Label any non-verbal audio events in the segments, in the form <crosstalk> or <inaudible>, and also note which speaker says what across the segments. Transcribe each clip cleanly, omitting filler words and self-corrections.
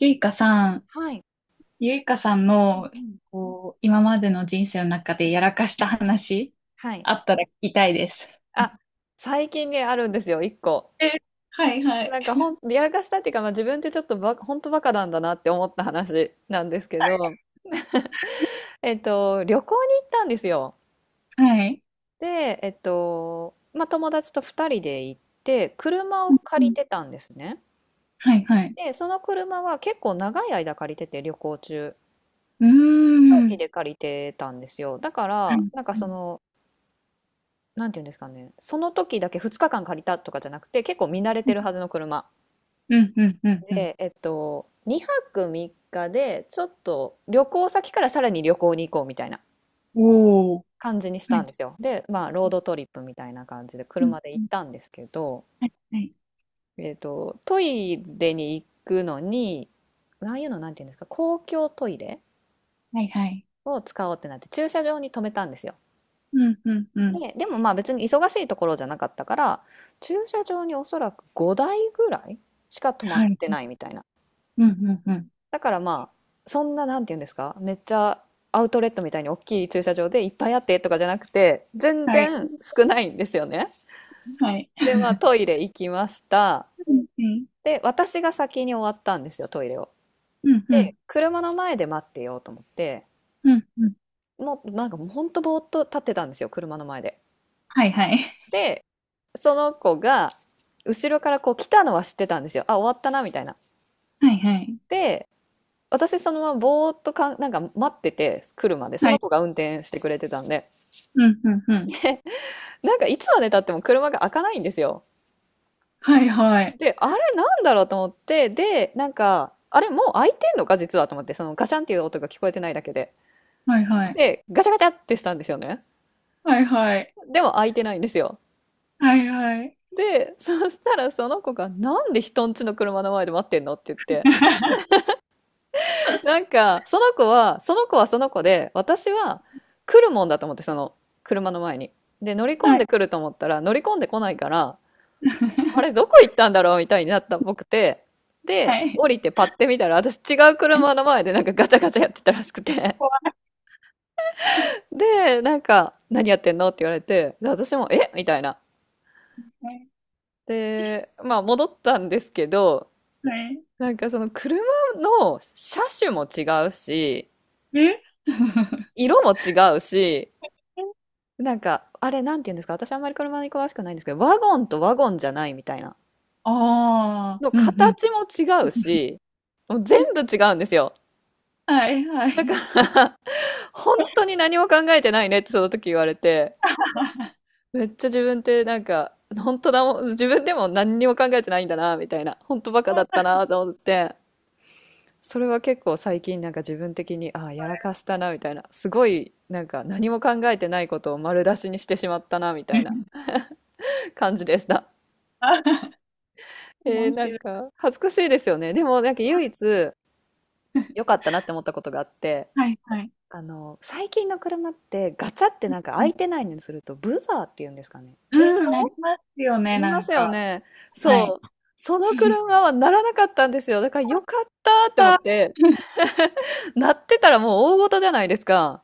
Speaker 1: ゆいかさん、
Speaker 2: はい。
Speaker 1: ゆいかさん
Speaker 2: うん
Speaker 1: の、
Speaker 2: うん。
Speaker 1: こう、今までの人生の中でやらかした話、
Speaker 2: はい。
Speaker 1: あったら聞きたいです。
Speaker 2: あ、最近ね、あるんですよ、1個。
Speaker 1: え、はいはい。
Speaker 2: なんかやらかしたっていうか、まあ、自分ってちょっとほんとバカなんだなって思った話なんですけど、旅行に行ったんですよ。
Speaker 1: はい。
Speaker 2: で、まあ、友達と2人で行って、車を
Speaker 1: う
Speaker 2: 借り
Speaker 1: ん、
Speaker 2: てたんですね。
Speaker 1: はいはい。
Speaker 2: で、その車は結構長い間借りてて、旅行中。
Speaker 1: うー
Speaker 2: 長期
Speaker 1: ん。
Speaker 2: で借りてたんですよ。だか
Speaker 1: はい。
Speaker 2: ら、なんか
Speaker 1: う
Speaker 2: そ
Speaker 1: ん、
Speaker 2: の、なんていうんですかね、その時だけ2日間借りたとかじゃなくて、結構見慣れてるはずの車。
Speaker 1: うん、うん、うん。
Speaker 2: で、2泊3日で、ちょっと旅行先からさらに旅行に行こうみたいな
Speaker 1: おー。
Speaker 2: 感じにし
Speaker 1: は
Speaker 2: たん
Speaker 1: い。
Speaker 2: ですよ。で、まあ、ロードトリップみたいな感じで
Speaker 1: うん、
Speaker 2: 車で
Speaker 1: う
Speaker 2: 行っ
Speaker 1: ん。
Speaker 2: たんですけど、
Speaker 1: はい、はい。
Speaker 2: トイレに行くのに、ああいうのなんていうんですか、公共トイレ
Speaker 1: はい、はい。
Speaker 2: を使おうってなって、駐車場に止めたんですよ。
Speaker 1: うん、うん、うん。
Speaker 2: で、でもまあ別に忙しいところじゃなかったから、駐車場におそらく5台ぐらいしか止まっ
Speaker 1: はい。
Speaker 2: てないみたいな。
Speaker 1: うん、うん、うん。
Speaker 2: だからまあ、そんな、なんて言うんですか、めっちゃアウトレットみたいに大きい駐車場でいっぱいあってとかじゃなくて、全
Speaker 1: はい。
Speaker 2: 然少ないんですよね。
Speaker 1: はい。
Speaker 2: で、まあ、トイレ行きました。
Speaker 1: うんうん、
Speaker 2: で、私が先に終わったんですよ、トイレを。
Speaker 1: う
Speaker 2: で、
Speaker 1: ん、
Speaker 2: 車の前で待ってようと思って、
Speaker 1: うん、うん。
Speaker 2: もうなんかほんとぼーっと立ってたんですよ、車の前で。
Speaker 1: はい、はい。
Speaker 2: で、その子が、後ろからこう来たのは知ってたんですよ。あ、終わったな、みたいな。
Speaker 1: はい、はい。
Speaker 2: で、私そのままぼーっとなんか待ってて、車で、そ
Speaker 1: は
Speaker 2: の
Speaker 1: い。
Speaker 2: 子が運転してくれてたんで。
Speaker 1: うん、うん、う
Speaker 2: <laughs>
Speaker 1: ん。
Speaker 2: でなんかいつまで経っても車が開かないんですよ。
Speaker 1: はい、はい。
Speaker 2: で、あれなんだろうと思って、で、なんか、あれもう開いてんのか実はと思って、そのガシャンっていう音が聞こえてないだけで。
Speaker 1: はい、はい。
Speaker 2: で、ガチャガチャってしたんですよね。
Speaker 1: はいはい。
Speaker 2: でも開いてないんですよ。
Speaker 1: はいはい。
Speaker 2: で、そしたらその子が、なんで人んちの車の前で待ってんのって言って。
Speaker 1: <laughs>
Speaker 2: なんか、その子はその子で、私は来るもんだと思って、その車の前に。で、乗り込
Speaker 1: は
Speaker 2: ん
Speaker 1: い。
Speaker 2: でくると思ったら、乗り込んでこないから、あれ、ど
Speaker 1: <laughs>
Speaker 2: こ行ったんだろうみたいになったっぽくて、で、
Speaker 1: はい。
Speaker 2: 降りてパッて見たら、私違う車の前でなんかガチャガチャやってたらしくて、
Speaker 1: 怖
Speaker 2: で、なんか、何やってんのって言われて、で、私も、えみたいな。
Speaker 1: い。
Speaker 2: で、まあ戻ったんですけど、
Speaker 1: はい。
Speaker 2: なんかその車の車種も違うし、
Speaker 1: え。 <laughs>
Speaker 2: 色も違うし、なんか、あれ、なんて言うんですか、私あんまり車に詳しくないんですけど、ワゴンとワゴンじゃないみたいな。
Speaker 1: ああ
Speaker 2: の
Speaker 1: ー、うんうん。
Speaker 2: 形も違うし、もう全部違うんですよ。
Speaker 1: はいは
Speaker 2: だか
Speaker 1: い。
Speaker 2: ら本当に何も考えてないねってその時言われて、めっちゃ自分ってなんか、本当だもん、自分でも何にも考えてないんだな、みたいな、本当バカだった
Speaker 1: <laughs>
Speaker 2: なと思って、それは結構最近なんか自分的に、ああ、やらかしたな、みたいな、すごいなんか何も考えてないことを丸出しにしてしまったな、みたいな感じでした。えー、
Speaker 1: 面
Speaker 2: なん
Speaker 1: 白い。
Speaker 2: か恥ずかしいですよね。でもなんか唯一良かったなって思ったことがあって、
Speaker 1: はい、え、ああ、うんうん、はいはい。
Speaker 2: あの、最近の車ってガチャってなんか
Speaker 1: う
Speaker 2: 開
Speaker 1: ん、
Speaker 2: いてないのにするとブザーっていうんですかね。警
Speaker 1: うんな
Speaker 2: 報
Speaker 1: りますよ
Speaker 2: な
Speaker 1: ね、
Speaker 2: り
Speaker 1: な
Speaker 2: ま
Speaker 1: ん
Speaker 2: すよ
Speaker 1: か。
Speaker 2: ね。
Speaker 1: は
Speaker 2: そ
Speaker 1: い。
Speaker 2: う。その車はならなかったんですよ。だからよかったって思っ
Speaker 1: あ、
Speaker 2: て、鳴ってたらもう大事じゃないですか。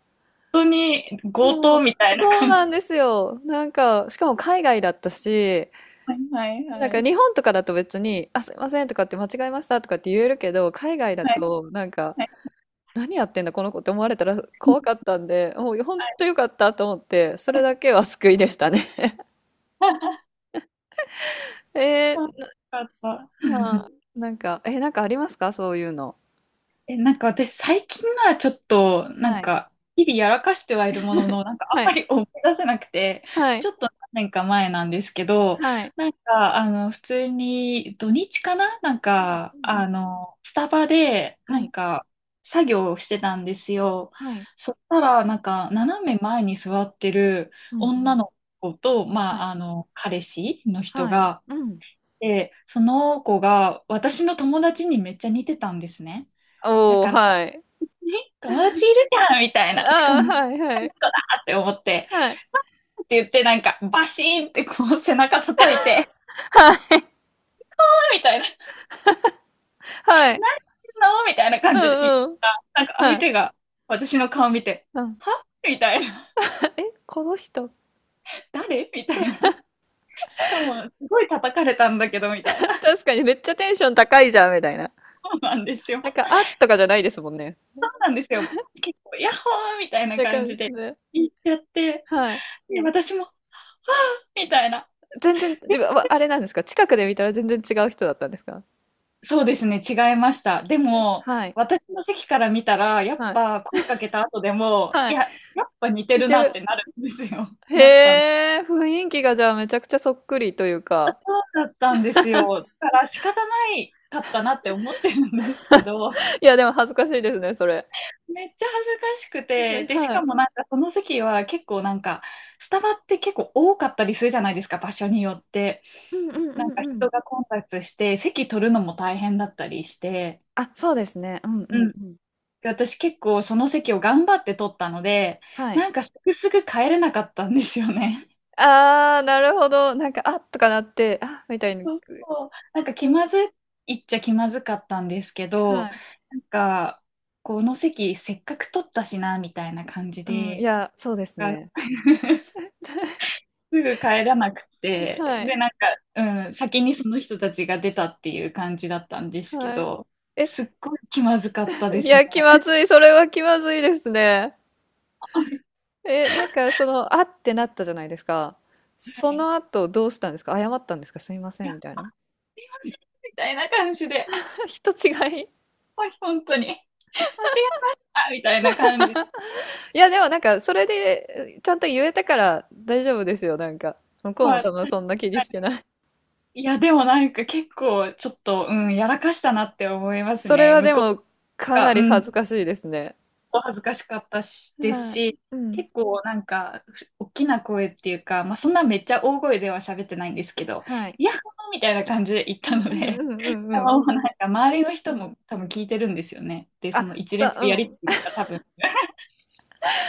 Speaker 1: 本当に強
Speaker 2: そ
Speaker 1: 盗
Speaker 2: う、
Speaker 1: みたいな
Speaker 2: そう
Speaker 1: 感
Speaker 2: な
Speaker 1: じ。
Speaker 2: んですよ。なんか、しかも海外だったし、
Speaker 1: はいは
Speaker 2: なん
Speaker 1: いは
Speaker 2: か
Speaker 1: い。
Speaker 2: 日本とかだと別に、あ、すいませんとかって間違えましたとかって言えるけど、海外だ
Speaker 1: はい
Speaker 2: となんか、
Speaker 1: はい。
Speaker 2: 何やってんだこの子って思われたら怖かったんで、もう本
Speaker 1: はい。
Speaker 2: 当よかったと思って、それだけは救いでしたね。
Speaker 1: <laughs>
Speaker 2: <laughs> えー、
Speaker 1: あ、よかった。
Speaker 2: な、なんか、ありますかそういうの。
Speaker 1: え、なんか私最近のはちょっと、な
Speaker 2: は
Speaker 1: ん
Speaker 2: い。
Speaker 1: か、日々やらかしてはいるものの、なんかあん
Speaker 2: は
Speaker 1: ま
Speaker 2: い。
Speaker 1: り思い出せなくて、
Speaker 2: はい、
Speaker 1: ちょっと何年か前なんですけど、
Speaker 2: はい。
Speaker 1: なんか、あの、普通に土日かな、なん
Speaker 2: はい、
Speaker 1: か、
Speaker 2: うんうん、
Speaker 1: あの、スタバで、
Speaker 2: は
Speaker 1: なん
Speaker 2: い、
Speaker 1: か、作業をしてたんですよ。
Speaker 2: はい、
Speaker 1: そしたら、なんか、斜め前に座ってる
Speaker 2: うんう
Speaker 1: 女
Speaker 2: ん、
Speaker 1: の子と、
Speaker 2: は
Speaker 1: ま
Speaker 2: い、
Speaker 1: あ、あの、彼氏の人
Speaker 2: はい、
Speaker 1: が、
Speaker 2: うん。
Speaker 1: で、その子が私の友達にめっちゃ似てたんですね。だ
Speaker 2: おお、
Speaker 1: から
Speaker 2: はい。
Speaker 1: 友達いるじゃんみたいな。しか
Speaker 2: ああ、
Speaker 1: も、
Speaker 2: はいはい。
Speaker 1: あって思って、
Speaker 2: はい。
Speaker 1: って言ってなんか、バシーンってこう背中叩いて、
Speaker 2: はい。
Speaker 1: あみたいな、何し
Speaker 2: はい。
Speaker 1: てんのみたいな
Speaker 2: う
Speaker 1: 感じで言っ
Speaker 2: んうん。
Speaker 1: たら、なんか
Speaker 2: は
Speaker 1: 相
Speaker 2: い。
Speaker 1: 手が私の顔見て、
Speaker 2: うん。
Speaker 1: はみたいな。
Speaker 2: <laughs> え、この人。
Speaker 1: 誰みたいな。しかも、すごい叩かれたんだけど、みたいな。
Speaker 2: <laughs> 確かにめっちゃテンション高いじゃんみたいな。
Speaker 1: そうなんですよ。
Speaker 2: なんか、あ、とかじゃないですもんね。
Speaker 1: そうなんですよ。結構、ヤッホーみたい
Speaker 2: っ
Speaker 1: な
Speaker 2: て
Speaker 1: 感
Speaker 2: 感
Speaker 1: じ
Speaker 2: じ
Speaker 1: で
Speaker 2: で。
Speaker 1: 言っちゃって、
Speaker 2: はい。
Speaker 1: で、私も、みたいな。
Speaker 2: 全然、でも、あれなんですか、近くで見たら全然違う人だったんですか？
Speaker 1: そうですね、違いました。でも、
Speaker 2: はい、
Speaker 1: 私の席から見たら、やっ
Speaker 2: はい、
Speaker 1: ぱ声かけた後でも、
Speaker 2: は
Speaker 1: い
Speaker 2: い。
Speaker 1: や、やっぱ似て
Speaker 2: 似
Speaker 1: る
Speaker 2: て
Speaker 1: なっ
Speaker 2: る。
Speaker 1: てなるんですよ。<laughs>
Speaker 2: へ
Speaker 1: なったの。
Speaker 2: え、雰囲気がじゃあめちゃくちゃそっくりというか。
Speaker 1: だったんですよ。だから仕方ないかったなって思ってるんですけど、
Speaker 2: いや、でも恥ずかしいですね、それ。
Speaker 1: めっちゃ恥ずかしくて、
Speaker 2: <laughs>
Speaker 1: で、し
Speaker 2: は
Speaker 1: か
Speaker 2: い。
Speaker 1: もなんかその席は結構なんか、スタバって結構多かったりするじゃないですか、場所によって。
Speaker 2: うんうんう
Speaker 1: な
Speaker 2: ん
Speaker 1: んか
Speaker 2: うん。
Speaker 1: 人が混雑して、席取るのも大変だったりして、
Speaker 2: あ、そうですね。うんう
Speaker 1: う
Speaker 2: ん
Speaker 1: ん、
Speaker 2: うん。
Speaker 1: 私結構その席を頑張って取ったので、
Speaker 2: はい。
Speaker 1: なんかすぐすぐ帰れなかったんですよね。
Speaker 2: ああ、なるほど。なんか、あっとかなって、あ、みたいに、
Speaker 1: そうそう、なんか
Speaker 2: う
Speaker 1: 気
Speaker 2: ん
Speaker 1: まずいっちゃ気まずかったんですけ
Speaker 2: は
Speaker 1: ど、
Speaker 2: い。
Speaker 1: なんか、この席せっかく取ったしな、みたいな感じ
Speaker 2: うん、い
Speaker 1: で、
Speaker 2: や、そうですね。
Speaker 1: あ。 <laughs> すぐ帰らなく
Speaker 2: <laughs>
Speaker 1: て、
Speaker 2: はい、
Speaker 1: で、なんか、うん、先にその人たちが出たっていう感じだったんですけ
Speaker 2: はい。
Speaker 1: ど、
Speaker 2: え、
Speaker 1: すっごい気まずかったで
Speaker 2: い
Speaker 1: すね。
Speaker 2: や、気まずい、それは気まずいですね。
Speaker 1: <laughs> はい。
Speaker 2: え、なんかその、あってなったじゃないですか。
Speaker 1: は
Speaker 2: そ
Speaker 1: い、
Speaker 2: の後どうしたんですか？謝ったんですか？すみま
Speaker 1: い
Speaker 2: せん、
Speaker 1: や
Speaker 2: みたいな。
Speaker 1: みたいな感じで。
Speaker 2: <laughs> 人違い。
Speaker 1: はい、本当に。間違えましたみたいな感じ。
Speaker 2: いや、でもなんか、それで、ちゃんと言えたから大丈夫ですよ、なんか。向こう
Speaker 1: ま
Speaker 2: も多
Speaker 1: あ、
Speaker 2: 分そんな気にしてない。
Speaker 1: いや、でもなんか結構ちょっと、うん、やらかしたなって思います
Speaker 2: それ
Speaker 1: ね。
Speaker 2: は
Speaker 1: 向
Speaker 2: で
Speaker 1: こう
Speaker 2: も、かな
Speaker 1: が、
Speaker 2: り
Speaker 1: うん、
Speaker 2: 恥ずかしいですね。
Speaker 1: 恥ずかしかったし、です
Speaker 2: はい。
Speaker 1: し、
Speaker 2: うん。
Speaker 1: 結構なんか、大きな声っていうか、まあそんなめっちゃ大声では喋ってないんですけど、
Speaker 2: はい。
Speaker 1: いや、みたいな感じで言っ
Speaker 2: う
Speaker 1: た
Speaker 2: ん
Speaker 1: の
Speaker 2: うんう
Speaker 1: で、
Speaker 2: んうんうん。
Speaker 1: もうなんか周りの人も多分聞いてるんですよね。で、そ
Speaker 2: あ、
Speaker 1: の一連
Speaker 2: さ、
Speaker 1: の
Speaker 2: う
Speaker 1: やり
Speaker 2: ん。
Speaker 1: とりが多分、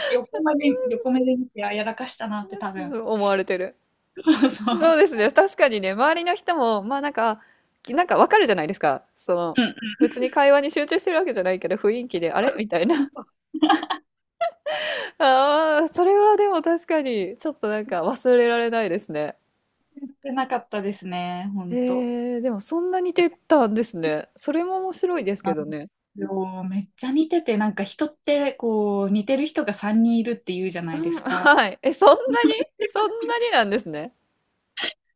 Speaker 1: 横目で、横目で見て、あ、やらかしたなって多
Speaker 2: う
Speaker 1: 分。
Speaker 2: ん思われてる。
Speaker 1: <laughs> そうそ
Speaker 2: そ
Speaker 1: う。
Speaker 2: うですね。確かにね、周りの人も、まあなんか、なんかわかるじゃないですか。その、
Speaker 1: うん、
Speaker 2: 別に会話に集中してるわけじゃないけど、雰囲気で、あれみたいな。<laughs> ああ、それはでも確かに、ちょっとなんか忘れられないですね。
Speaker 1: てなかったですね、ほんと。
Speaker 2: えーでもそんなに
Speaker 1: いや、
Speaker 2: 出たんですね。それも面白いですけ
Speaker 1: あ
Speaker 2: どね。
Speaker 1: のめっちゃ似てて、なんか人ってこう似てる人が3人いるって言うじゃな
Speaker 2: う
Speaker 1: いで
Speaker 2: ん、
Speaker 1: すか。
Speaker 2: はい。え、そんなに？そんなになんですね。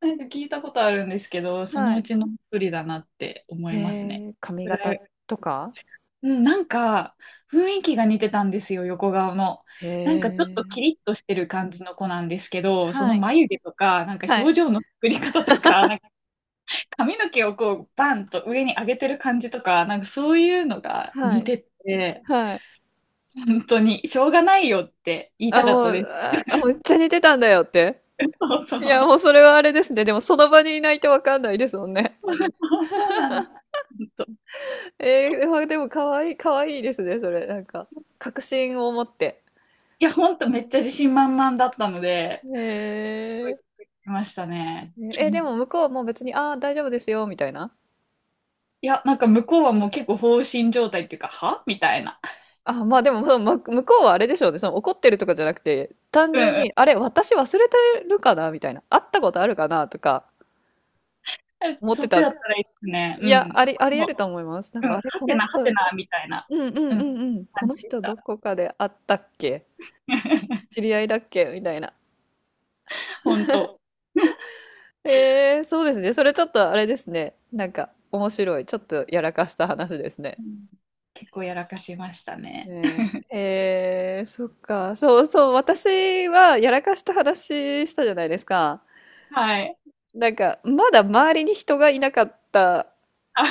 Speaker 1: なんか聞いたことあるんですけど、そ
Speaker 2: は
Speaker 1: のう
Speaker 2: い。
Speaker 1: ちの一人だなって思
Speaker 2: へ
Speaker 1: いますね。
Speaker 2: え、髪
Speaker 1: ぐ
Speaker 2: 型
Speaker 1: らい。
Speaker 2: とか？
Speaker 1: うん、なんか雰囲気が似てたんですよ、横顔の。
Speaker 2: へ
Speaker 1: なんかちょっとキ
Speaker 2: え。
Speaker 1: リッとしてる感じの子なんですけど、そ
Speaker 2: は
Speaker 1: の
Speaker 2: い。
Speaker 1: 眉毛とか、なんか
Speaker 2: はい。
Speaker 1: 表情の作り方とか、なん髪の毛をこう、バンと上に上げてる感じとか、なんかそういうのが
Speaker 2: は
Speaker 1: 似
Speaker 2: い。
Speaker 1: てて、
Speaker 2: はい。
Speaker 1: 本当に、しょうがないよって言いた
Speaker 2: あ、
Speaker 1: かっ
Speaker 2: も
Speaker 1: たで
Speaker 2: う、
Speaker 1: す。
Speaker 2: ああ、めっちゃ似てたんだよって。
Speaker 1: <laughs> そうそう。
Speaker 2: いや、もうそれはあれですね。でもその場にいないとわかんないですもんね。
Speaker 1: <laughs> そうそうなんです。本当、い
Speaker 2: <laughs> ええ、まあでも可愛い可愛いですね、それ、なんか、確信を持って。
Speaker 1: や、本当めっちゃ自信満々だったので、す
Speaker 2: へ
Speaker 1: ごいびっくりしましたね。
Speaker 2: え、ね
Speaker 1: う
Speaker 2: え、で
Speaker 1: ん、
Speaker 2: も向こうも別に「ああ、大丈夫ですよ」みたいな？
Speaker 1: いや、なんか向こうはもう結構放心状態っていうか、はみたいな。
Speaker 2: あ、まあでも、その、向こうはあれでしょうね。その怒ってるとかじゃなくて、単
Speaker 1: うん
Speaker 2: 純
Speaker 1: う
Speaker 2: に、
Speaker 1: ん。
Speaker 2: あれ、私忘れてるかなみたいな。会ったことあるかなとか
Speaker 1: え、
Speaker 2: 思っ
Speaker 1: そ
Speaker 2: て
Speaker 1: っ
Speaker 2: た。
Speaker 1: ち
Speaker 2: い
Speaker 1: だったらいいですね。う
Speaker 2: や、
Speaker 1: ん。
Speaker 2: あり得
Speaker 1: も
Speaker 2: ると思います。なん
Speaker 1: う、うん、
Speaker 2: か、あ
Speaker 1: は
Speaker 2: れ、こ
Speaker 1: て
Speaker 2: の
Speaker 1: なは
Speaker 2: 人、うん
Speaker 1: てな、みたいな、
Speaker 2: うん
Speaker 1: う
Speaker 2: う
Speaker 1: ん、
Speaker 2: んうん。こ
Speaker 1: 感じ
Speaker 2: の
Speaker 1: でし
Speaker 2: 人
Speaker 1: た。
Speaker 2: どこかで会ったっけ？知
Speaker 1: <laughs>
Speaker 2: り合いだっけみたいな。
Speaker 1: 本当。
Speaker 2: えー、そうですね。それちょっとあれですね。なんか、面白い。ちょっとやらかした話ですね。
Speaker 1: うん、結構やらかしましたね。
Speaker 2: ねえ、えー、そっか。そうそう。私はやらかした話したじゃないですか。
Speaker 1: はい。
Speaker 2: なんか、まだ周りに人がいなかった
Speaker 1: あ。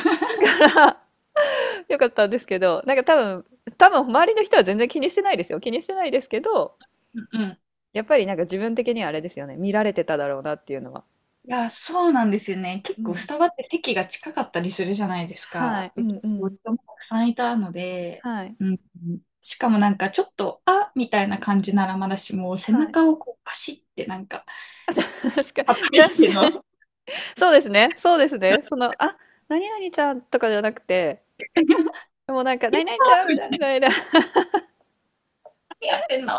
Speaker 1: <laughs>
Speaker 2: から <laughs> 良かったんですけど、なんか多分、周りの人は全然気にしてないですよ。気にしてないですけど、
Speaker 1: うんうん。
Speaker 2: やっぱりなんか自分的にはあれですよね。見られてただろうなっていうのは。
Speaker 1: いや、そうなんですよね。
Speaker 2: う
Speaker 1: 結構ス
Speaker 2: ん。
Speaker 1: タバって席が近かったりするじゃないです
Speaker 2: は
Speaker 1: か。
Speaker 2: い。う
Speaker 1: で、
Speaker 2: ん
Speaker 1: 結
Speaker 2: う
Speaker 1: 構
Speaker 2: ん。
Speaker 1: 人もたくさんいたので、
Speaker 2: はい。
Speaker 1: うん。しかもなんかちょっと、あみたいな感じならまだしも、背
Speaker 2: はい。
Speaker 1: 中をこうパシってなんか、
Speaker 2: <laughs> 確かに、
Speaker 1: 働いて
Speaker 2: 確
Speaker 1: の。<laughs>
Speaker 2: か
Speaker 1: っ
Speaker 2: に。そうですね。そうですね。その、あ、何々ちゃんとかじゃなくて、もうなんか、
Speaker 1: て
Speaker 2: 何々ちゃんみ
Speaker 1: たいな、
Speaker 2: たいな、
Speaker 1: 何やってんの。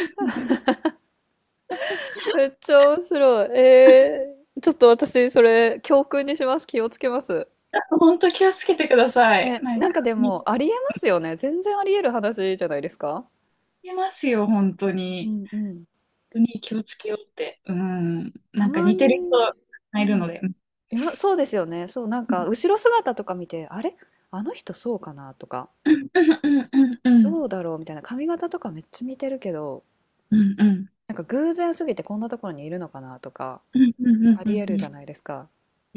Speaker 1: <laughs>
Speaker 2: めっちゃ面白い。ちょっと私、それ、教訓にします。気をつけます。
Speaker 1: 本当気をつけてください。
Speaker 2: ね、
Speaker 1: なん
Speaker 2: なん
Speaker 1: か、
Speaker 2: かで
Speaker 1: 見つ
Speaker 2: もありえますよね。全然ありえる話じゃないですか。
Speaker 1: けますよ、本当
Speaker 2: う
Speaker 1: に。
Speaker 2: んうん。
Speaker 1: 当に気をつけようって。うん。
Speaker 2: た
Speaker 1: なんか
Speaker 2: ま
Speaker 1: 似てる
Speaker 2: に
Speaker 1: 人
Speaker 2: ね、
Speaker 1: が
Speaker 2: う
Speaker 1: いる
Speaker 2: ん。
Speaker 1: ので。う
Speaker 2: 今、そうですよね。そう、なんか
Speaker 1: ん
Speaker 2: 後ろ姿とか見て、あれあの人そうかなとか、
Speaker 1: うんうん
Speaker 2: どうだろうみたいな、髪型とかめっちゃ似てるけど、
Speaker 1: うんうん
Speaker 2: なんか偶然すぎてこんなところにいるのかなとか、
Speaker 1: うんうんうん
Speaker 2: あ
Speaker 1: うんう
Speaker 2: りえ
Speaker 1: ん、
Speaker 2: る
Speaker 1: うん、
Speaker 2: じゃないで
Speaker 1: い
Speaker 2: すか。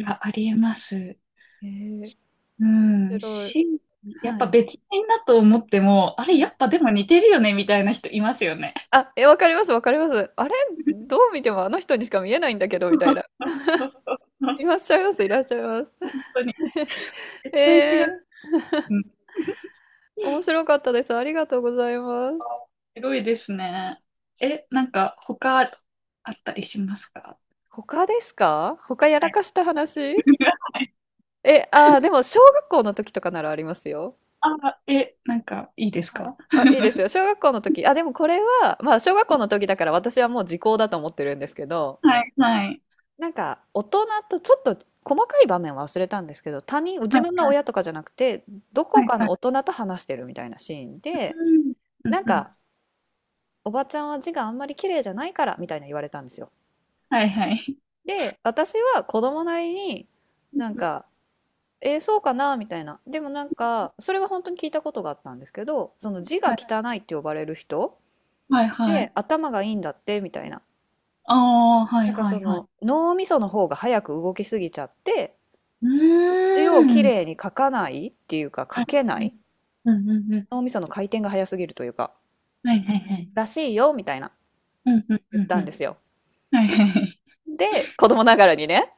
Speaker 1: や、ありえます。
Speaker 2: 面
Speaker 1: うん。
Speaker 2: 白い。
Speaker 1: し、やっ
Speaker 2: は
Speaker 1: ぱ
Speaker 2: い。
Speaker 1: 別人だと思っても、あ
Speaker 2: う
Speaker 1: れ、や
Speaker 2: ん、
Speaker 1: っぱでも似てるよね、みたいな人いますよね。
Speaker 2: あ、え、わかります、わかります。あれどう見てもあの人にしか見えないんだけど、
Speaker 1: そ
Speaker 2: み
Speaker 1: う
Speaker 2: たいな。
Speaker 1: そうそう、
Speaker 2: いらっしゃいます、いらっしゃいます。
Speaker 1: 本当に。絶
Speaker 2: え
Speaker 1: 対違う。
Speaker 2: ー
Speaker 1: うん。
Speaker 2: 面白かったです。ありがとうございます。
Speaker 1: 広いですね。え、なんか他あったりしますか？
Speaker 2: 他ですか？他や
Speaker 1: は
Speaker 2: ら
Speaker 1: い。
Speaker 2: かした話？
Speaker 1: <laughs> はい、
Speaker 2: え、ああでも小学校の時とかならありますよ。
Speaker 1: あ、え、なんかいいです
Speaker 2: はい。
Speaker 1: か？
Speaker 2: あ、いいですよ。小学校の時。あ、でもこれは、まあ小学校の時だから私はもう時効だと思ってるんですけど、
Speaker 1: はい、はい。
Speaker 2: なんか大人とちょっと細かい場面は忘れたんですけど、他人、自
Speaker 1: はい、
Speaker 2: 分の
Speaker 1: は
Speaker 2: 親
Speaker 1: い、
Speaker 2: とかじゃなくて、どこ
Speaker 1: はい、
Speaker 2: か
Speaker 1: は
Speaker 2: の
Speaker 1: い。
Speaker 2: 大人と話してるみたいなシーンで、
Speaker 1: うん。うん、
Speaker 2: なん
Speaker 1: うん。
Speaker 2: か、おばちゃんは字があんまり綺麗じゃないからみたいな言われたんですよ。
Speaker 1: はい、はい。
Speaker 2: で、私は子供なりに
Speaker 1: うん、
Speaker 2: なんか、えーそうかなみたいな。でもなんか、それは本当に聞いたことがあったんですけど、その字
Speaker 1: は
Speaker 2: が
Speaker 1: い、
Speaker 2: 汚いって呼ばれる人
Speaker 1: はい、は
Speaker 2: で、
Speaker 1: い。
Speaker 2: 頭がいいんだってみたいな。
Speaker 1: ああ、はい、
Speaker 2: なんか
Speaker 1: は
Speaker 2: そ
Speaker 1: い、はい。
Speaker 2: の脳みその方が早く動きすぎちゃって、
Speaker 1: う
Speaker 2: 字をき
Speaker 1: ーん。
Speaker 2: れいに書かないっていうか、書
Speaker 1: はい、
Speaker 2: けな
Speaker 1: はい。
Speaker 2: い。
Speaker 1: うん、うん、うん。
Speaker 2: 脳みその回転が早すぎるというか、
Speaker 1: はい、はい、はい。
Speaker 2: らしいよみたいな
Speaker 1: うん、うん、
Speaker 2: 言
Speaker 1: う
Speaker 2: っ
Speaker 1: ん、
Speaker 2: た
Speaker 1: う
Speaker 2: んで
Speaker 1: ん。
Speaker 2: すよ。
Speaker 1: はい、はい、
Speaker 2: で、子供ながらにね。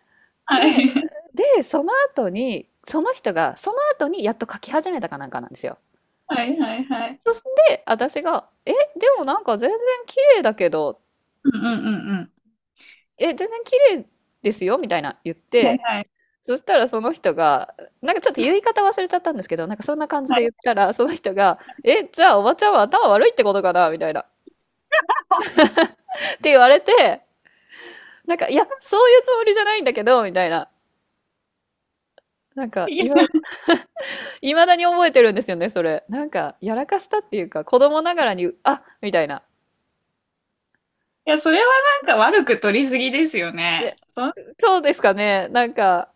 Speaker 2: で、
Speaker 1: はい。
Speaker 2: で、その後に、その人が、その後にやっと書き始めたかなんかなんですよ。
Speaker 1: はい、はい、はい、は
Speaker 2: そ
Speaker 1: い。
Speaker 2: して、私が、え、でもなんか全然綺麗だけど、
Speaker 1: うん、うん、うん、う
Speaker 2: え、全然綺麗ですよみたいな言っ
Speaker 1: ん。はい、
Speaker 2: て、
Speaker 1: はい、
Speaker 2: そしたらその人が、なんかちょっと言い方忘れちゃったんですけど、なんかそんな感じ
Speaker 1: は
Speaker 2: で言
Speaker 1: い。
Speaker 2: ったら、その人が、え、じゃあおばちゃんは頭悪いってことかなみたいな。って言われて、なんか、いや、そういうつもりじゃないんだけど、みたいな。なんか、
Speaker 1: いや、
Speaker 2: いま、いまだに覚えてるんですよね、それ。なんか、やらかしたっていうか、子供ながらに、あ、みたいな。
Speaker 1: それはなんか悪く取りすぎですよね。
Speaker 2: え、
Speaker 1: そんなこ
Speaker 2: そうですかね。なんか、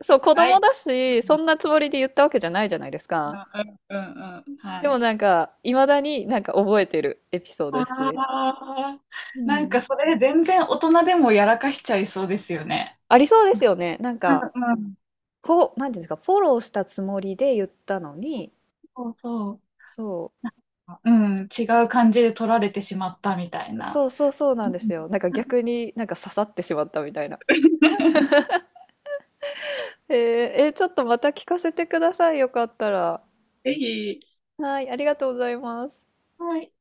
Speaker 2: そ
Speaker 1: と
Speaker 2: う、子
Speaker 1: な
Speaker 2: 供
Speaker 1: い。
Speaker 2: だし、そんなつもりで言ったわけじゃないじゃないですか。
Speaker 1: うん、うん、うん、うん。
Speaker 2: で
Speaker 1: は
Speaker 2: も
Speaker 1: い。
Speaker 2: なんか、いまだになんか覚えてるエピソードです
Speaker 1: あ
Speaker 2: ね。
Speaker 1: あ、
Speaker 2: う
Speaker 1: なんか
Speaker 2: ん。
Speaker 1: それ全然大人でもやらかしちゃいそうですよね。
Speaker 2: ありそうですよね。なん
Speaker 1: う
Speaker 2: か、
Speaker 1: んうん。
Speaker 2: こう、なんていうんですか、フォローしたつもりで言ったのに、
Speaker 1: そうそ
Speaker 2: そ
Speaker 1: う。うん、違う感じで取られてしまったみたい
Speaker 2: う、
Speaker 1: な。
Speaker 2: そうそうそうな
Speaker 1: う
Speaker 2: ん
Speaker 1: ん。
Speaker 2: ですよ。なんか逆になんか刺さってしまったみたいな。
Speaker 1: <laughs>
Speaker 2: えー、ちょっとまた聞かせてください。よかったら。
Speaker 1: ぜひ。
Speaker 2: はい、ありがとうございます。
Speaker 1: はい。